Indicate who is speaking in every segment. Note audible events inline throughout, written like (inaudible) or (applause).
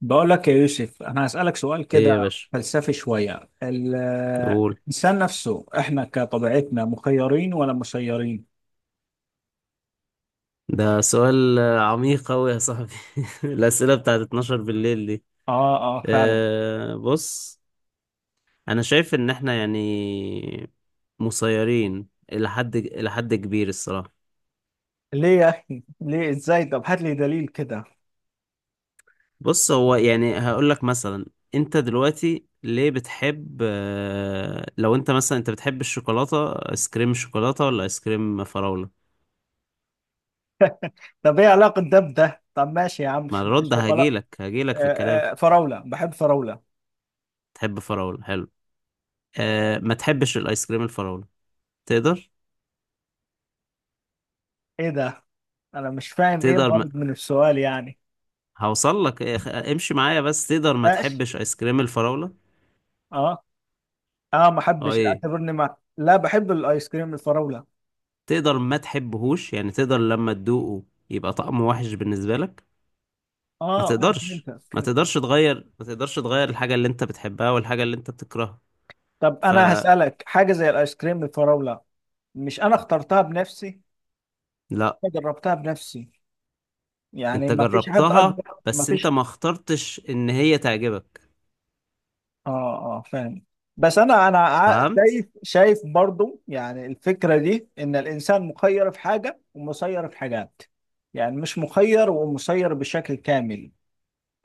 Speaker 1: بقول لك يا يوسف، أنا هسألك سؤال
Speaker 2: ايه يا
Speaker 1: كده
Speaker 2: باشا.
Speaker 1: فلسفي شوية.
Speaker 2: قول.
Speaker 1: الإنسان نفسه، إحنا كطبيعتنا مخيرين ولا مسيرين؟
Speaker 2: ده سؤال عميق أوي يا صاحبي (laughs) الأسئلة بتاعت 12 بالليل دي.
Speaker 1: آه آه، فعلا.
Speaker 2: بص. أنا شايف إن إحنا يعني مسيرين إلى حد كبير الصراحة.
Speaker 1: ليه يا أخي؟ ليه إزاي؟ طب هات لي دليل كده.
Speaker 2: بص، هو يعني هقول لك مثلا. أنت دلوقتي ليه بتحب لو أنت مثلا بتحب الشوكولاتة، آيس كريم شوكولاتة ولا آيس كريم فراولة؟
Speaker 1: طب إيه علاقة ده بده؟ طب ماشي يا عم.
Speaker 2: مع الرد
Speaker 1: شوكولا.
Speaker 2: هجيلك في الكلام.
Speaker 1: آه آه، فراولة، بحب فراولة.
Speaker 2: تحب فراولة. حلو. ما تحبش الآيس كريم الفراولة. تقدر؟
Speaker 1: إيه ده؟ أنا مش فاهم إيه
Speaker 2: تقدر ما...
Speaker 1: الغرض من السؤال يعني.
Speaker 2: هوصل لك إيه، امشي معايا. بس تقدر ما
Speaker 1: ماشي.
Speaker 2: تحبش ايس كريم الفراولة؟
Speaker 1: آه آه، ما
Speaker 2: اه،
Speaker 1: أحبش،
Speaker 2: ايه.
Speaker 1: أعتبرني ما لا بحب الآيس كريم الفراولة.
Speaker 2: تقدر ما تحبهوش، يعني تقدر لما تدوقه يبقى طعمه وحش بالنسبة لك؟ ما
Speaker 1: آه، أنا
Speaker 2: تقدرش ما
Speaker 1: فهمتك.
Speaker 2: تقدرش تغير الحاجة اللي انت بتحبها والحاجة اللي انت بتكرهها.
Speaker 1: طب انا
Speaker 2: فلا.
Speaker 1: هسألك حاجة زي الايس كريم بالفراولة، مش انا اخترتها بنفسي، انا جربتها بنفسي. يعني
Speaker 2: انت
Speaker 1: ما فيش حد
Speaker 2: جربتها
Speaker 1: اكبر، ما
Speaker 2: بس انت
Speaker 1: فيش.
Speaker 2: ما اخترتش ان هي تعجبك.
Speaker 1: اه اه، فاهم. بس انا شايف
Speaker 2: فهمت.
Speaker 1: شايف برضو، يعني الفكرة دي ان الانسان مخير في حاجة ومسير في حاجات. يعني مش مخير ومسير بشكل كامل.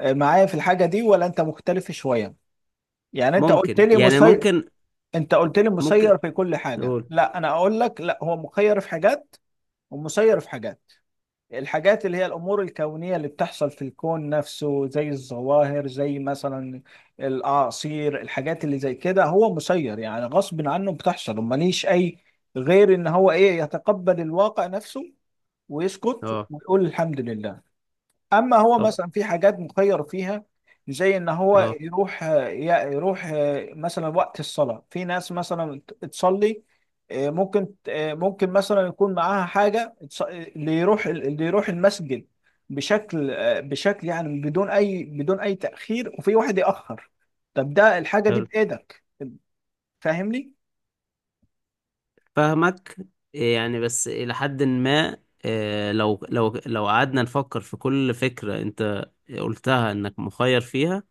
Speaker 1: آه، معايا في الحاجة دي ولا انت مختلف شوية؟ يعني
Speaker 2: ممكن يعني ممكن
Speaker 1: انت قلت لي
Speaker 2: ممكن
Speaker 1: مسير في كل حاجة،
Speaker 2: نقول.
Speaker 1: لا انا اقول لك لا، هو مخير في حاجات ومسير في حاجات. الحاجات اللي هي الأمور الكونية اللي بتحصل في الكون نفسه، زي الظواهر، زي مثلا الأعاصير، الحاجات اللي زي كده هو مسير، يعني غصب عنه بتحصل وماليش أي غير إن هو إيه، يتقبل الواقع نفسه ويسكت
Speaker 2: اه.
Speaker 1: ويقول الحمد لله. اما هو
Speaker 2: طب.
Speaker 1: مثلا في حاجات مخير فيها، زي ان هو
Speaker 2: اه.
Speaker 1: يروح، يروح مثلا وقت الصلاة. في ناس مثلا تصلي، آه، ممكن آه، ممكن مثلا يكون معاها حاجة. اللي يروح المسجد بشكل، آه، بشكل يعني بدون اي تأخير، وفي واحد يأخر. طب ده، الحاجة دي
Speaker 2: حلو.
Speaker 1: بإيدك، فاهمني؟
Speaker 2: فاهمك. إيه يعني، بس إلى حد ما. إيه، لو قعدنا نفكر في كل فكرة أنت قلتها إنك مخير فيها،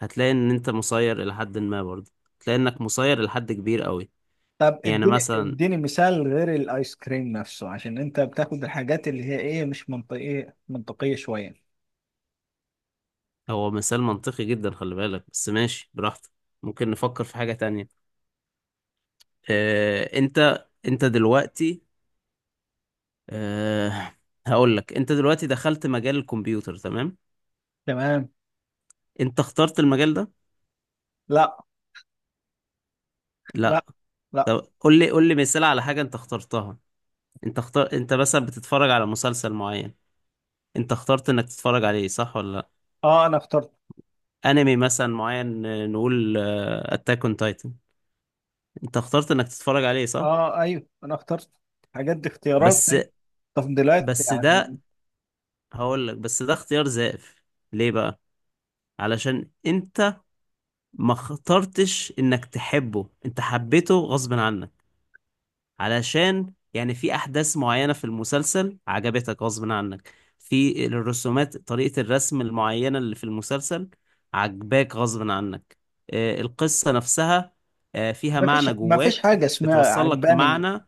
Speaker 2: هتلاقي إن أنت مسير إلى حد ما برضه. هتلاقي إنك مسير إلى حد كبير قوي.
Speaker 1: طب
Speaker 2: يعني
Speaker 1: اديني
Speaker 2: مثلا،
Speaker 1: اديني مثال غير الايس كريم نفسه، عشان انت بتاخد الحاجات اللي هي ايه، مش منطقية، منطقية شوية.
Speaker 2: هو مثال منطقي جدا خلي بالك، بس ماشي براحتك. ممكن نفكر في حاجة تانية. إيه، أنت دلوقتي. إيه. هقول لك، أنت دلوقتي دخلت مجال الكمبيوتر، تمام؟
Speaker 1: تمام.
Speaker 2: أنت اخترت المجال ده؟
Speaker 1: لا. لا.
Speaker 2: لا.
Speaker 1: لا.
Speaker 2: طب قول لي مثال على حاجة أنت اخترتها. انت مثلا بتتفرج على مسلسل معين. انت اخترت انك تتفرج عليه، صح ولا لا؟
Speaker 1: اه، انا اخترت.
Speaker 2: انمي مثلا معين، نقول اتاك اون تايتن. انت اخترت انك تتفرج عليه، صح؟
Speaker 1: اه، ايوه، انا اخترت حاجات. دي اختيارات،
Speaker 2: بس
Speaker 1: أيوة. تفضيلات
Speaker 2: بس
Speaker 1: يعني.
Speaker 2: ده، هقول لك بس ده اختيار زائف. ليه بقى؟ علشان انت ما اخترتش انك تحبه، انت حبيته غصب عنك. علشان يعني في احداث معينة في المسلسل عجبتك غصب عنك، في الرسومات طريقة الرسم المعينة اللي في المسلسل عجباك غصب عنك. القصة نفسها فيها
Speaker 1: ما فيش
Speaker 2: معنى
Speaker 1: ما فيش
Speaker 2: جواك.
Speaker 1: حاجه اسمها
Speaker 2: بتوصل لك
Speaker 1: عجباني.
Speaker 2: معنى.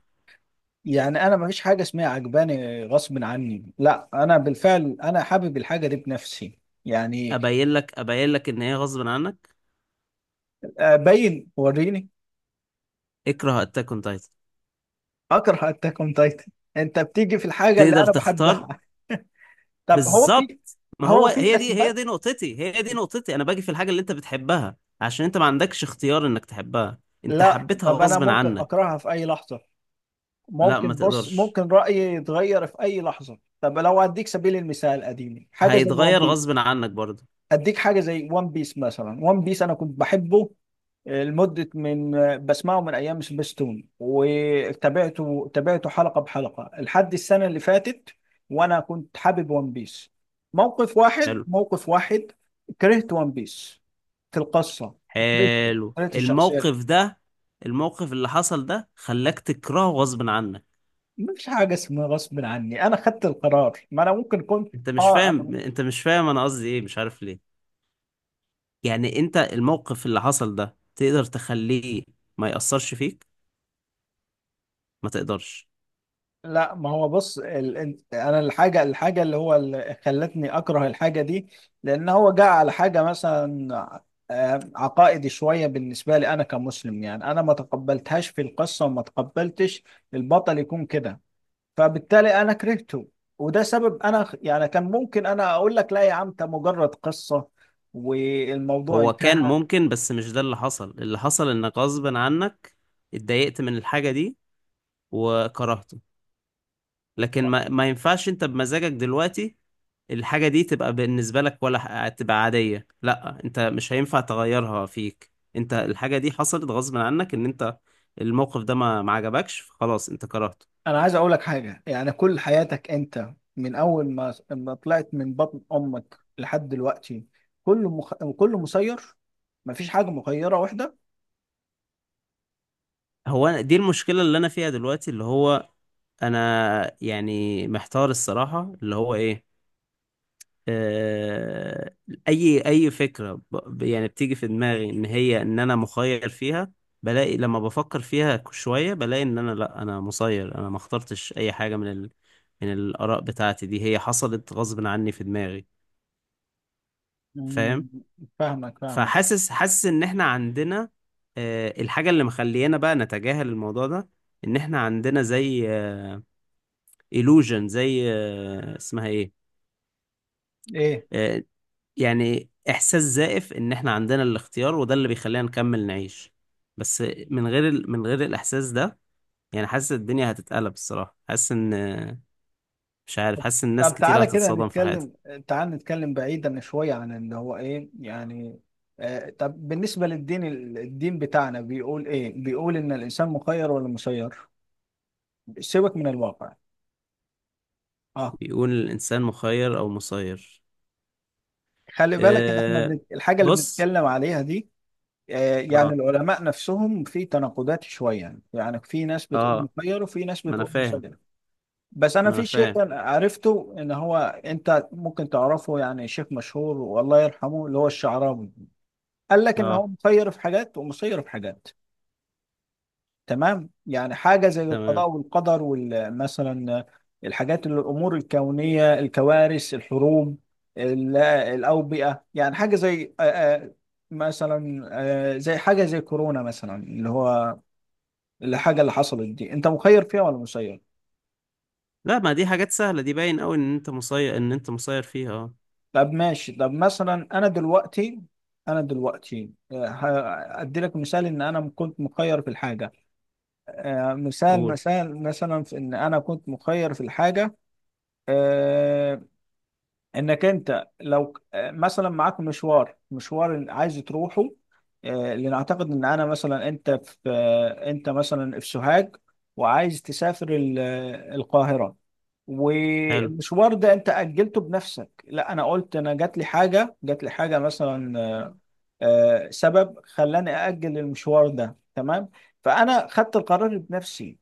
Speaker 1: يعني انا ما فيش حاجه اسمها عجباني غصب عني، لا انا بالفعل انا حابب الحاجه دي بنفسي يعني.
Speaker 2: ابين لك ان هي غصب عنك.
Speaker 1: ابين وريني.
Speaker 2: اكره اتاك اون تايتن.
Speaker 1: اكره اتاك اون تايتن؟ انت بتيجي في الحاجه اللي
Speaker 2: تقدر
Speaker 1: انا بحبها.
Speaker 2: تختار؟
Speaker 1: طب
Speaker 2: بالظبط، ما هو
Speaker 1: هو في
Speaker 2: هي دي هي
Speaker 1: اثبات؟
Speaker 2: دي نقطتي هي دي نقطتي انا باجي في الحاجة اللي انت بتحبها عشان انت ما عندكش اختيار انك تحبها. انت
Speaker 1: لا،
Speaker 2: حبيتها
Speaker 1: طب انا
Speaker 2: غصب
Speaker 1: ممكن
Speaker 2: عنك.
Speaker 1: اكرهها في اي لحظه.
Speaker 2: لا، ما
Speaker 1: ممكن، بص،
Speaker 2: تقدرش.
Speaker 1: ممكن رأيي يتغير في أي لحظة. طب لو أديك سبيل المثال قديم، حاجة زي ون
Speaker 2: هيتغير
Speaker 1: بيس.
Speaker 2: غصب عنك برضه.
Speaker 1: أديك حاجة زي ون بيس مثلا. ون بيس، أنا كنت بحبه لمدة من، بسمعه من أيام سبيستون، وتابعته حلقة بحلقة لحد السنة اللي فاتت، وأنا كنت حابب ون بيس. موقف واحد،
Speaker 2: حلو.
Speaker 1: موقف واحد، كرهت ون بيس في القصة. كرهت،
Speaker 2: حلو
Speaker 1: الشخصيات.
Speaker 2: الموقف ده. الموقف اللي حصل ده خلاك تكرهه غصب عنك.
Speaker 1: مش حاجة اسمها غصب عني، أنا خدت القرار. ما أنا ممكن كنت.
Speaker 2: انت مش
Speaker 1: اه.
Speaker 2: فاهم انت مش فاهم انا قصدي ايه، مش عارف ليه. يعني انت الموقف اللي حصل ده تقدر تخليه ما يأثرش فيك؟ ما تقدرش.
Speaker 1: لا، ما هو بص، انا الحاجه اللي هو اللي خلتني اكره الحاجه دي. لان هو جاء على حاجه مثلا آه، عقائدي شويه بالنسبه لي، انا كمسلم يعني، انا ما تقبلتهاش في القصه، وما تقبلتش البطل يكون كده. فبالتالي انا كرهته. وده سبب. انا يعني كان ممكن انا اقول لك لا يا عم، ده مجرد قصه، والموضوع
Speaker 2: هو كان
Speaker 1: انتهى.
Speaker 2: ممكن، بس مش ده اللي حصل. اللي حصل انك غصب عنك اتضايقت من الحاجة دي وكرهته. لكن ما ينفعش انت بمزاجك دلوقتي الحاجة دي تبقى بالنسبة لك، ولا تبقى عادية. لا، انت مش هينفع تغيرها، فيك انت الحاجة دي حصلت غصب عنك، ان انت الموقف ده ما عجبكش فخلاص انت كرهته.
Speaker 1: انا عايز اقول لك حاجه يعني، كل حياتك انت من اول ما طلعت من بطن امك لحد دلوقتي، كله مسير. مفيش حاجه مخيره واحده.
Speaker 2: دي المشكلة اللي انا فيها دلوقتي، اللي هو انا يعني محتار الصراحة، اللي هو ايه، آه، اي فكره يعني بتيجي في دماغي ان انا مخير فيها، بلاقي لما بفكر فيها شويه بلاقي ان انا، لا، انا مسير. انا ما اخترتش اي حاجه من الاراء بتاعتي دي، هي حصلت غصب عني في دماغي. فاهم؟
Speaker 1: مم، فاهمك، فاهمك.
Speaker 2: فحاسس ان احنا عندنا الحاجه اللي مخلينا بقى نتجاهل الموضوع ده، ان احنا عندنا زي illusion، زي اسمها ايه،
Speaker 1: ايه؟
Speaker 2: آه، يعني إحساس زائف إن إحنا عندنا الاختيار، وده اللي بيخلينا نكمل نعيش. بس من غير الإحساس ده يعني حاسس الدنيا هتتقلب الصراحة، حاسس إن، مش عارف، حاسس إن ناس
Speaker 1: طب
Speaker 2: كتير
Speaker 1: تعالى كده
Speaker 2: هتتصدم في حياتها.
Speaker 1: نتكلم، تعال نتكلم بعيدا شويه عن اللي هو ايه يعني. طب بالنسبه للدين، الدين بتاعنا بيقول ايه؟ بيقول ان الانسان مخير ولا مسير؟ سيبك من الواقع. اه.
Speaker 2: بيقول الإنسان مخير أو مسير؟
Speaker 1: خلي بالك اللي احنا
Speaker 2: أه...
Speaker 1: الحاجه اللي
Speaker 2: بص.
Speaker 1: بنتكلم عليها دي، يعني
Speaker 2: اه،
Speaker 1: العلماء نفسهم في تناقضات شوية. يعني في ناس بتقول
Speaker 2: اه،
Speaker 1: مخير، وفي ناس
Speaker 2: ما أنا
Speaker 1: بتقول
Speaker 2: فاهم.
Speaker 1: مسير. بس أنا
Speaker 2: ما أنا
Speaker 1: في
Speaker 2: فاهم.
Speaker 1: شيء أنا عرفته إن هو، أنت ممكن تعرفه يعني، شيخ مشهور والله يرحمه، اللي هو الشعراوي، قال لك إن هو
Speaker 2: اه.
Speaker 1: مخير في حاجات ومسير في حاجات. تمام. يعني حاجة زي
Speaker 2: تمام.
Speaker 1: القضاء والقدر، ومثلا الحاجات اللي الأمور الكونية، الكوارث، الحروب، الأوبئة. يعني حاجة زي، مثلا زي حاجة زي كورونا مثلا اللي هو، الحاجة اللي حصلت دي، انت مخير فيها ولا مسير؟
Speaker 2: لا، ما دي حاجات سهلة، دي باين أوي إن أنت مسير فيها. اه.
Speaker 1: طب ماشي، طب مثلا انا دلوقتي، انا دلوقتي ادي لك مثال ان انا كنت مخير في الحاجة. مثال
Speaker 2: قول.
Speaker 1: مثال مثلا، في ان انا كنت مخير في الحاجة. آه، انك انت لو مثلا معاك مشوار، اللي عايز تروحه. لنعتقد ان انا مثلا، انت في آه، انت مثلا في سوهاج، وعايز تسافر القاهرة.
Speaker 2: حلو.
Speaker 1: والمشوار ده انت اجلته بنفسك، لا انا قلت، انا جات لي حاجة مثلا سبب خلاني اجل المشوار ده. تمام. فانا خدت القرار بنفسي،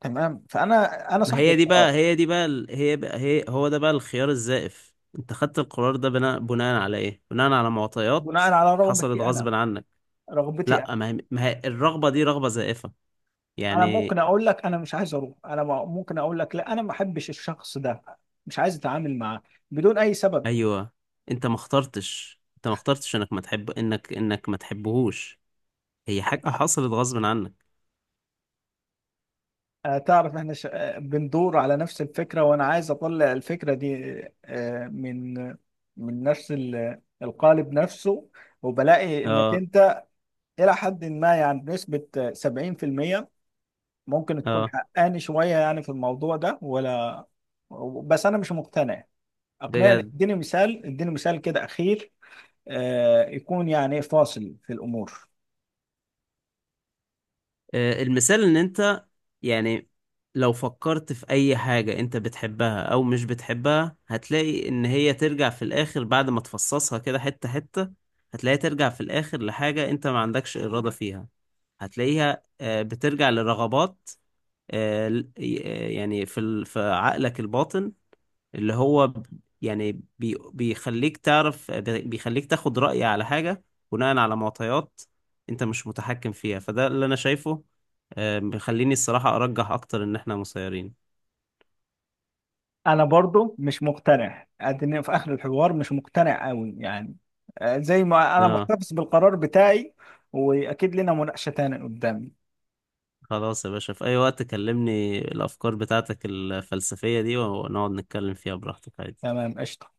Speaker 1: تمام، انا
Speaker 2: ما
Speaker 1: صاحب
Speaker 2: هي دي بقى
Speaker 1: القرار،
Speaker 2: هي دي بقى هي بقى هي هو ده بقى الخيار الزائف. انت خدت القرار ده بناء على ايه؟ بناء على معطيات
Speaker 1: بناء على
Speaker 2: حصلت
Speaker 1: رغبتي انا.
Speaker 2: غصب عنك.
Speaker 1: رغبتي
Speaker 2: لا، ما هي الرغبة دي رغبة زائفة
Speaker 1: انا
Speaker 2: يعني.
Speaker 1: ممكن اقول لك انا مش عايز اروح. انا ممكن اقول لك لا، انا ما احبش الشخص ده، مش عايز اتعامل معاه، بدون اي سبب.
Speaker 2: ايوه، انت ما اخترتش انك ما تحب، انك ما تحبهوش. هي حاجة حصلت غصب عنك.
Speaker 1: تعرف احنا ش... آه، بندور على نفس الفكرة، وانا عايز اطلع الفكرة دي من نفس القالب نفسه. وبلاقي انك
Speaker 2: اه.
Speaker 1: انت الى حد ما يعني، بنسبة 70% ممكن تكون
Speaker 2: اه.
Speaker 1: حقاني شوية يعني في الموضوع ده، ولا؟ بس انا مش مقتنع. اقنعني،
Speaker 2: بجد.
Speaker 1: اديني مثال كده اخير يكون يعني فاصل في الأمور.
Speaker 2: المثال ان انت يعني، لو فكرت في اي حاجة انت بتحبها او مش بتحبها، هتلاقي ان هي ترجع في الاخر بعد ما تفصصها كده حتة حتة. هتلاقيها ترجع في الاخر لحاجة انت ما عندكش ارادة فيها. هتلاقيها بترجع لرغبات، يعني في في عقلك الباطن، اللي هو يعني بيخليك تعرف، بيخليك تاخد رأي على حاجة بناء على معطيات انت مش متحكم فيها، فده اللي انا شايفه. بيخليني الصراحة ارجح اكتر ان احنا مسيرين.
Speaker 1: أنا برضو مش مقتنع أدنى في آخر الحوار. مش مقتنع أوي يعني، زي ما أنا
Speaker 2: اه.
Speaker 1: محتفظ بالقرار بتاعي. وأكيد لنا مناقشة تانية قدامي.
Speaker 2: خلاص يا باشا، في اي وقت كلمني. الافكار بتاعتك الفلسفية دي ونقعد نتكلم فيها براحتك عادي.
Speaker 1: تمام، قشطة.